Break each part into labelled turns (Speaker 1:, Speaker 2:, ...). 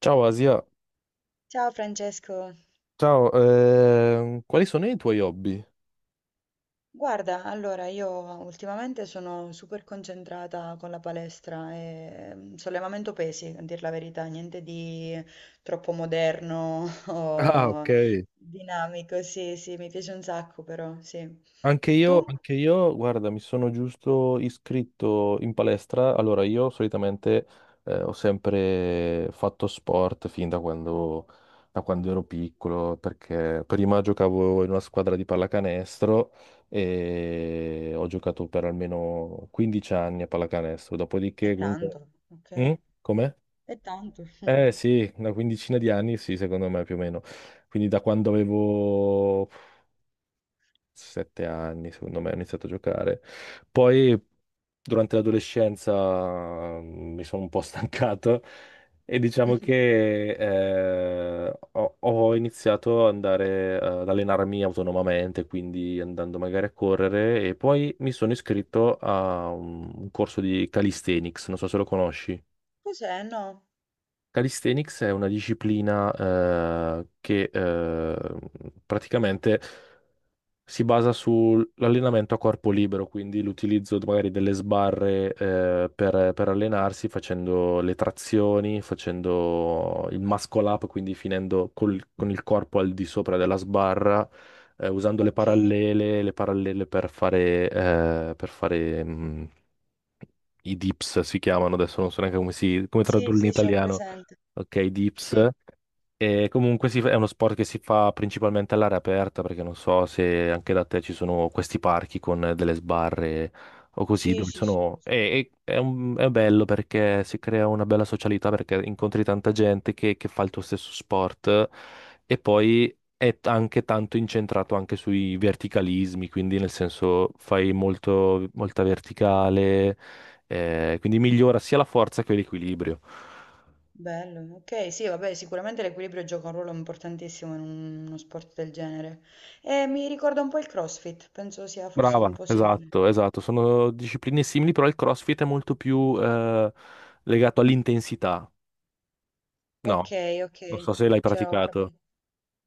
Speaker 1: Ciao Asia,
Speaker 2: Ciao Francesco,
Speaker 1: ciao, quali sono i tuoi hobby?
Speaker 2: guarda, allora io ultimamente sono super concentrata con la palestra e sollevamento pesi, a dir la verità, niente di troppo moderno
Speaker 1: Ah, ok.
Speaker 2: o dinamico, sì, sì, mi piace un sacco però, sì. Tu?
Speaker 1: Anche io, guarda, mi sono giusto iscritto in palestra. Allora, io solitamente ho sempre fatto sport fin da quando ero piccolo, perché prima giocavo in una squadra di pallacanestro e ho giocato per almeno 15 anni a pallacanestro.
Speaker 2: È
Speaker 1: Dopodiché, comunque...
Speaker 2: tanto,
Speaker 1: Mm?
Speaker 2: ok,
Speaker 1: Com'è?
Speaker 2: è tanto.
Speaker 1: Eh sì, una quindicina di anni, sì, secondo me più o meno. Quindi da quando avevo sette anni, secondo me, ho iniziato a giocare. Poi durante l'adolescenza mi sono un po' stancato e diciamo che ho iniziato ad andare ad allenarmi autonomamente, quindi andando magari a correre e poi mi sono iscritto a un corso di calisthenics, non so se lo conosci.
Speaker 2: Cos'è? No?
Speaker 1: Calisthenics è una disciplina che praticamente si basa sull'allenamento a corpo libero, quindi l'utilizzo magari delle sbarre per allenarsi, facendo le trazioni, facendo il muscle up, quindi finendo con il corpo al di sopra della sbarra, usando
Speaker 2: Ok,
Speaker 1: le parallele per fare, per fare i dips si chiamano adesso, non so neanche come si, come
Speaker 2: sì,
Speaker 1: tradurli in
Speaker 2: sì, sì, ho
Speaker 1: italiano.
Speaker 2: presente,
Speaker 1: Ok, i
Speaker 2: sì,
Speaker 1: dips. E comunque è uno sport che si fa principalmente all'aria aperta, perché non so se anche da te ci sono questi parchi con delle sbarre o così,
Speaker 2: sì,
Speaker 1: dove
Speaker 2: sì, sì,
Speaker 1: sono...
Speaker 2: sì. Sì.
Speaker 1: È bello perché si crea una bella socialità, perché incontri tanta gente che fa il tuo stesso sport e poi è anche tanto incentrato anche sui verticalismi, quindi nel senso fai molto, molta verticale, quindi migliora sia la forza che l'equilibrio.
Speaker 2: Bello, ok, sì, vabbè, sicuramente l'equilibrio gioca un ruolo importantissimo in uno sport del genere. E mi ricorda un po' il CrossFit, penso sia forse
Speaker 1: Brava,
Speaker 2: un po' simile.
Speaker 1: esatto, esatto, sono discipline simili, però il CrossFit è molto più legato all'intensità. No,
Speaker 2: Ok, ok,
Speaker 1: non so se l'hai
Speaker 2: ce l'ho
Speaker 1: praticato.
Speaker 2: capito.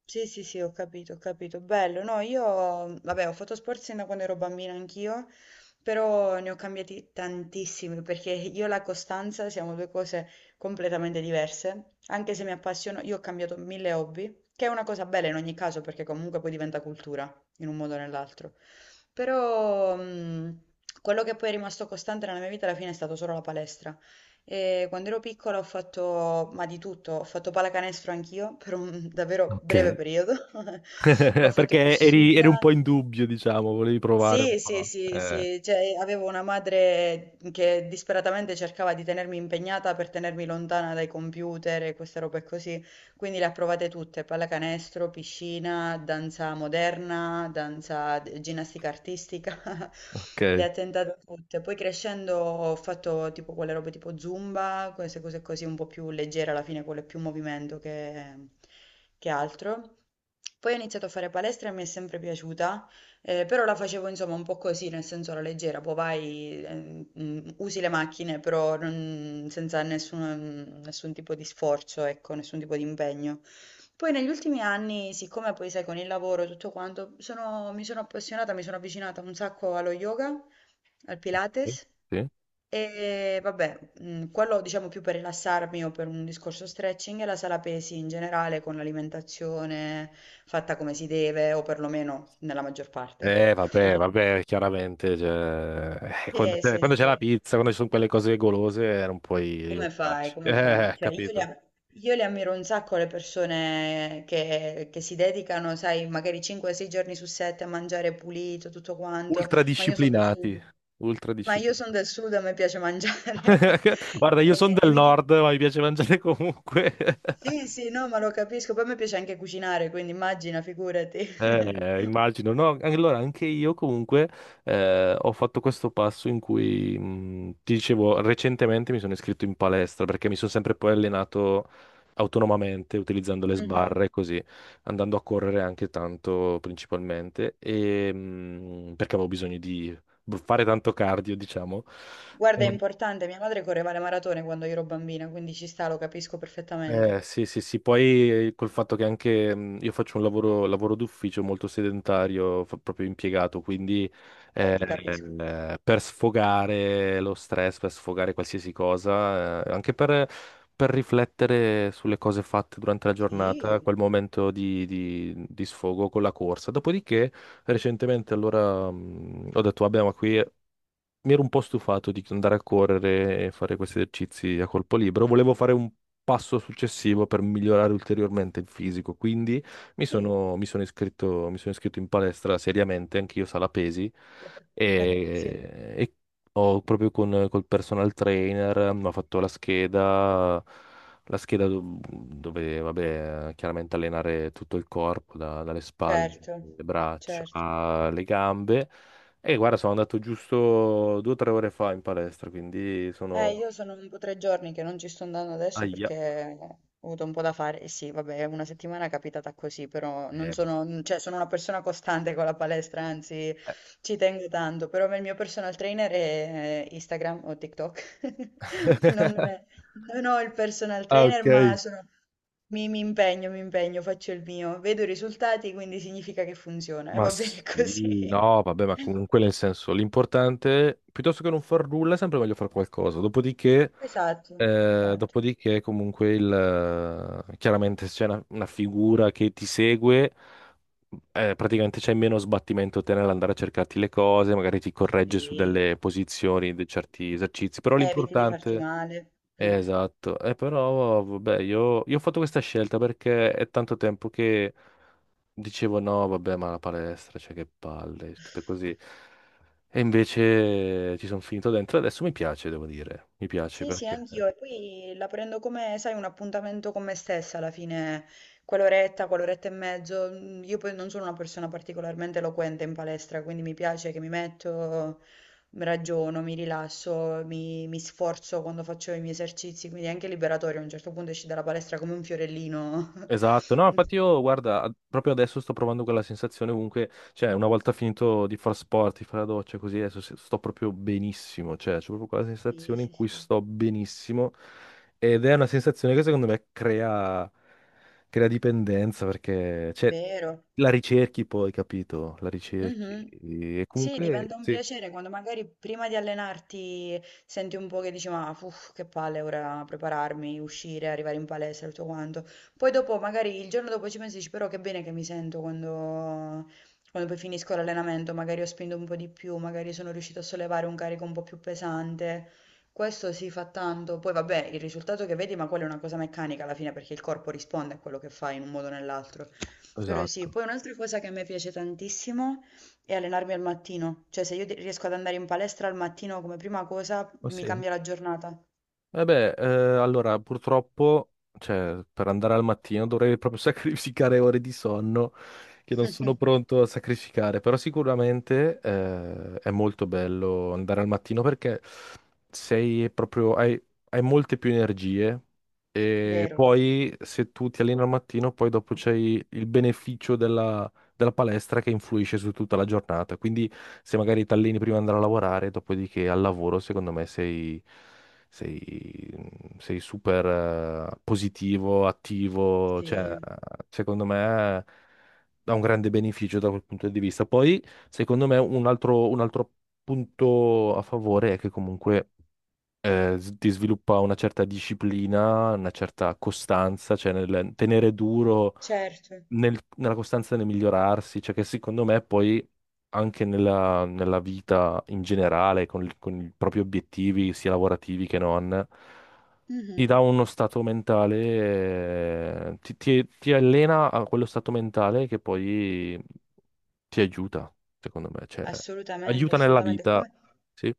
Speaker 2: Sì, sì, sì, ho capito, ho capito. Bello, no, io, vabbè, ho fatto sport sin da quando ero bambina anch'io, però ne ho cambiati tantissimi perché io e la costanza siamo due cose completamente diverse. Anche se mi appassiono, io ho cambiato mille hobby, che è una cosa bella in ogni caso perché comunque poi diventa cultura in un modo o nell'altro. Però, quello che poi è rimasto costante nella mia vita alla fine è stato solo la palestra. E quando ero piccola ho fatto, ma di tutto, ho fatto pallacanestro anch'io per un davvero breve
Speaker 1: Ok.
Speaker 2: periodo, ho fatto
Speaker 1: Perché eri, eri un
Speaker 2: piscina,
Speaker 1: po' in dubbio, diciamo, volevi provare un
Speaker 2: sì, sì,
Speaker 1: po'.
Speaker 2: sì, sì, cioè avevo una madre che disperatamente cercava di tenermi impegnata per tenermi lontana dai computer e queste robe così, quindi le ha provate tutte, pallacanestro, piscina, danza moderna, danza, ginnastica artistica,
Speaker 1: Ok.
Speaker 2: le ha tentate tutte. Poi crescendo ho fatto tipo quelle robe tipo Zumba, queste cose così un po' più leggere alla fine, quello è più movimento che altro. Poi ho iniziato a fare palestra e mi è sempre piaciuta. Però la facevo insomma un po' così, nel senso alla leggera, poi vai, usi le macchine, però senza nessun tipo di sforzo, ecco, nessun tipo di impegno. Poi negli ultimi anni, siccome poi sai, con il lavoro e tutto quanto, mi sono appassionata, mi sono avvicinata un sacco allo yoga al
Speaker 1: Ok,
Speaker 2: Pilates.
Speaker 1: sì.
Speaker 2: E vabbè, quello diciamo più per rilassarmi o per un discorso stretching e la sala pesi in generale con l'alimentazione fatta come si deve o perlomeno nella maggior parte, ecco.
Speaker 1: Vabbè, vabbè, chiaramente, cioè, eh, quando
Speaker 2: Eh
Speaker 1: c'è
Speaker 2: sì,
Speaker 1: quando c'è la
Speaker 2: sì.
Speaker 1: pizza, quando ci sono quelle cose golose, non puoi
Speaker 2: Come fai?
Speaker 1: rinunciarci.
Speaker 2: Come fai? Cioè,
Speaker 1: Capito.
Speaker 2: io le ammiro un sacco le persone che si dedicano, sai, magari 5-6 giorni su 7 a mangiare pulito, tutto quanto, ma io sono del
Speaker 1: Ultradisciplinati,
Speaker 2: sud. Ma io sono
Speaker 1: ultradisciplinati.
Speaker 2: del sud, a me piace mangiare.
Speaker 1: Guarda, io sono
Speaker 2: E, e
Speaker 1: del
Speaker 2: mi pi-
Speaker 1: nord, ma mi piace mangiare comunque.
Speaker 2: Sì, sì, no, ma lo capisco. Poi a me piace anche cucinare, quindi immagina, figurati.
Speaker 1: Immagino, no? Allora, anche io comunque ho fatto questo passo in cui, ti dicevo, recentemente mi sono iscritto in palestra perché mi sono sempre poi allenato autonomamente, utilizzando le
Speaker 2: Mhm.
Speaker 1: sbarre, così, andando a correre anche tanto principalmente, e, perché avevo bisogno di fare tanto cardio, diciamo.
Speaker 2: Guarda, è importante, mia madre correva le maratone quando io ero bambina, quindi ci sta, lo capisco perfettamente.
Speaker 1: Sì, sì, sì, poi col fatto che anche io faccio un lavoro, lavoro d'ufficio molto sedentario, proprio impiegato, quindi eh,
Speaker 2: Ti capisco.
Speaker 1: per sfogare lo stress, per sfogare qualsiasi cosa, anche per riflettere sulle cose fatte durante la
Speaker 2: Sì,
Speaker 1: giornata, quel momento di, di sfogo con la corsa. Dopodiché, recentemente, allora ho detto, vabbè, ma qui mi ero un po' stufato di andare a correre e fare questi esercizi a corpo libero, volevo fare un passo successivo per migliorare ulteriormente il fisico, quindi mi
Speaker 2: sì.
Speaker 1: sono, mi sono iscritto, mi sono iscritto in palestra seriamente, anch'io sala pesi,
Speaker 2: Sì,
Speaker 1: e ho proprio con, col personal trainer, mi ha fatto la scheda dove, vabbè, chiaramente allenare tutto il corpo, dalle spalle,
Speaker 2: certo,
Speaker 1: le braccia,
Speaker 2: certo.
Speaker 1: alle gambe. E guarda, sono andato giusto due o tre ore fa in palestra, quindi sono...
Speaker 2: Io sono tipo tre giorni che non ci sto andando adesso
Speaker 1: Aia.
Speaker 2: perché ho avuto un po' da fare. E sì, vabbè, una settimana è capitata così, però non
Speaker 1: Vabbè.
Speaker 2: sono, cioè, sono una persona costante con la palestra, anzi, ci tengo tanto. Però il mio personal trainer è Instagram o TikTok. Non, non ho il personal
Speaker 1: Ah,
Speaker 2: trainer,
Speaker 1: ok.
Speaker 2: ma mi, mi impegno, faccio il mio. Vedo i risultati, quindi significa che funziona. E
Speaker 1: Ma
Speaker 2: va
Speaker 1: sì,
Speaker 2: bene così.
Speaker 1: no, vabbè, ma comunque nel senso, l'importante, piuttosto che non far nulla, è sempre meglio fare qualcosa. Dopodiché,
Speaker 2: Esatto, esatto.
Speaker 1: dopodiché comunque, il, chiaramente se c'è una figura che ti segue, praticamente c'è meno sbattimento te nell'andare a cercarti le cose, magari ti corregge su
Speaker 2: Sì.
Speaker 1: delle posizioni, di certi esercizi, però
Speaker 2: Eviti di farti
Speaker 1: l'importante...
Speaker 2: male. Eh.
Speaker 1: Esatto, e però vabbè, io ho fatto questa scelta perché è tanto tempo che dicevo no, vabbè, ma la palestra, cioè che palle, tutte così. E invece ci sono finito dentro e adesso mi piace, devo dire, mi piace
Speaker 2: Sì, sì,
Speaker 1: perché...
Speaker 2: anch'io. E poi la prendo come, sai, un appuntamento con me stessa alla fine, quell'oretta, quell'oretta e mezzo. Mm, io poi non sono una persona particolarmente eloquente in palestra, quindi mi piace che mi metto, mi ragiono, mi rilasso, mi sforzo quando faccio i miei esercizi, quindi è anche liberatorio. A un certo punto esci dalla palestra come un fiorellino.
Speaker 1: Esatto, no, infatti io guarda, proprio adesso sto provando quella sensazione comunque, cioè una volta finito di far sport, di fare la doccia così, adesso sto proprio benissimo, cioè c'è proprio quella
Speaker 2: Sì,
Speaker 1: sensazione in
Speaker 2: sì,
Speaker 1: cui
Speaker 2: sì,
Speaker 1: sto benissimo ed è una sensazione che secondo me crea, crea dipendenza perché cioè,
Speaker 2: vero.
Speaker 1: la ricerchi poi, capito? La ricerchi
Speaker 2: Mhm.
Speaker 1: e
Speaker 2: Sì,
Speaker 1: comunque
Speaker 2: diventa un
Speaker 1: sì,
Speaker 2: piacere quando magari prima di allenarti senti un po' che dici, ma uff, che palle ora prepararmi, uscire, arrivare in palestra, tutto quanto. Poi dopo, magari il giorno dopo ci pensi, e dici, però che bene che mi sento quando, quando poi finisco l'allenamento, magari ho spinto un po' di più, magari sono riuscito a sollevare un carico un po' più pesante. Questo si fa tanto. Poi vabbè, il risultato che vedi, ma quella è una cosa meccanica alla fine perché il corpo risponde a quello che fai in un modo o nell'altro. Però sì,
Speaker 1: esatto.
Speaker 2: poi un'altra cosa che a me piace tantissimo e allenarmi al mattino, cioè se riesco ad andare in palestra al mattino come prima cosa,
Speaker 1: Ma
Speaker 2: mi
Speaker 1: sì.
Speaker 2: cambia la giornata.
Speaker 1: Vabbè, allora purtroppo, cioè, per andare al mattino dovrei proprio sacrificare ore di sonno che non sono pronto a sacrificare, però sicuramente è molto bello andare al mattino perché sei proprio, hai, hai molte più energie e
Speaker 2: Vero,
Speaker 1: poi se tu ti alleni al mattino, poi dopo c'hai il beneficio della, della palestra che influisce su tutta la giornata, quindi se magari ti alleni prima di andare a lavorare, dopodiché al lavoro, secondo me sei, sei super positivo, attivo, cioè,
Speaker 2: sì,
Speaker 1: secondo me dà un grande beneficio da quel punto di vista. Poi, secondo me, un altro punto a favore è che comunque ti sviluppa una certa disciplina, una certa costanza, cioè nel tenere duro,
Speaker 2: certo.
Speaker 1: nella costanza nel migliorarsi, cioè che secondo me poi anche nella, nella vita in generale, con, con i propri obiettivi, sia lavorativi che non ti dà
Speaker 2: Mhm.
Speaker 1: uno stato mentale, ti allena a quello stato mentale che poi ti aiuta, secondo me, cioè,
Speaker 2: Assolutamente,
Speaker 1: aiuta nella
Speaker 2: assolutamente.
Speaker 1: vita,
Speaker 2: Come,
Speaker 1: sì.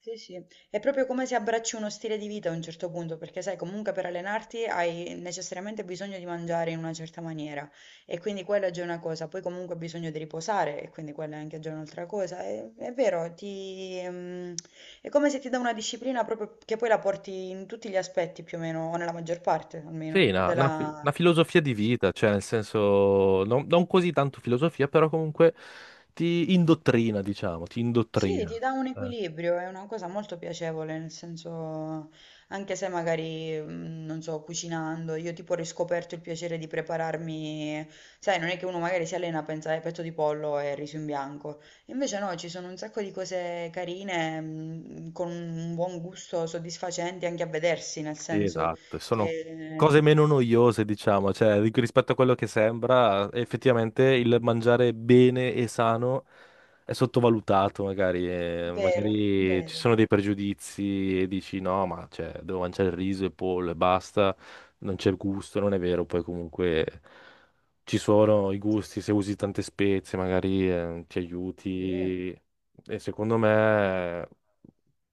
Speaker 2: sì, sì. È proprio come se abbracci uno stile di vita a un certo punto, perché sai, comunque per allenarti hai necessariamente bisogno di mangiare in una certa maniera e quindi quella è già una cosa, poi comunque hai bisogno di riposare e quindi quella è anche già un'altra cosa. È vero, è come se ti dà una disciplina proprio che poi la porti in tutti gli aspetti più o meno, o nella maggior parte
Speaker 1: Sì,
Speaker 2: almeno,
Speaker 1: una
Speaker 2: della.
Speaker 1: filosofia di vita, cioè nel senso, non, non così tanto filosofia, però comunque ti indottrina, diciamo, ti
Speaker 2: Sì,
Speaker 1: indottrina.
Speaker 2: ti dà un
Speaker 1: Eh.
Speaker 2: equilibrio, è una cosa molto piacevole, nel senso, anche se magari, mm, non so, cucinando, io tipo ho riscoperto il piacere di prepararmi, sai, non è che uno magari si allena a pensare petto di pollo e riso in bianco, invece no, ci sono un sacco di cose carine, mm, con un buon gusto, soddisfacenti anche a vedersi, nel
Speaker 1: Sì,
Speaker 2: senso
Speaker 1: esatto, sono
Speaker 2: che...
Speaker 1: cose meno noiose, diciamo, cioè rispetto a quello che sembra, effettivamente il mangiare bene e sano è sottovalutato, magari,
Speaker 2: Vero,
Speaker 1: magari ci
Speaker 2: vero.
Speaker 1: sono dei pregiudizi e dici no, ma cioè, devo mangiare il riso e pollo e basta, non c'è gusto, non è vero, poi comunque ci sono i
Speaker 2: Sì,
Speaker 1: gusti, se usi tante spezie magari ti
Speaker 2: sì,
Speaker 1: aiuti e secondo me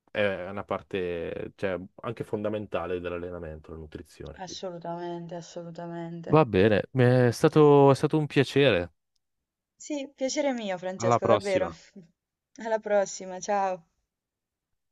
Speaker 1: è una parte, cioè, anche fondamentale dell'allenamento, la nutrizione. Quindi.
Speaker 2: assolutamente, assolutamente.
Speaker 1: Va bene, mi è stato un piacere.
Speaker 2: Sì, piacere mio,
Speaker 1: Alla
Speaker 2: Francesco, davvero.
Speaker 1: prossima.
Speaker 2: Alla prossima, ciao.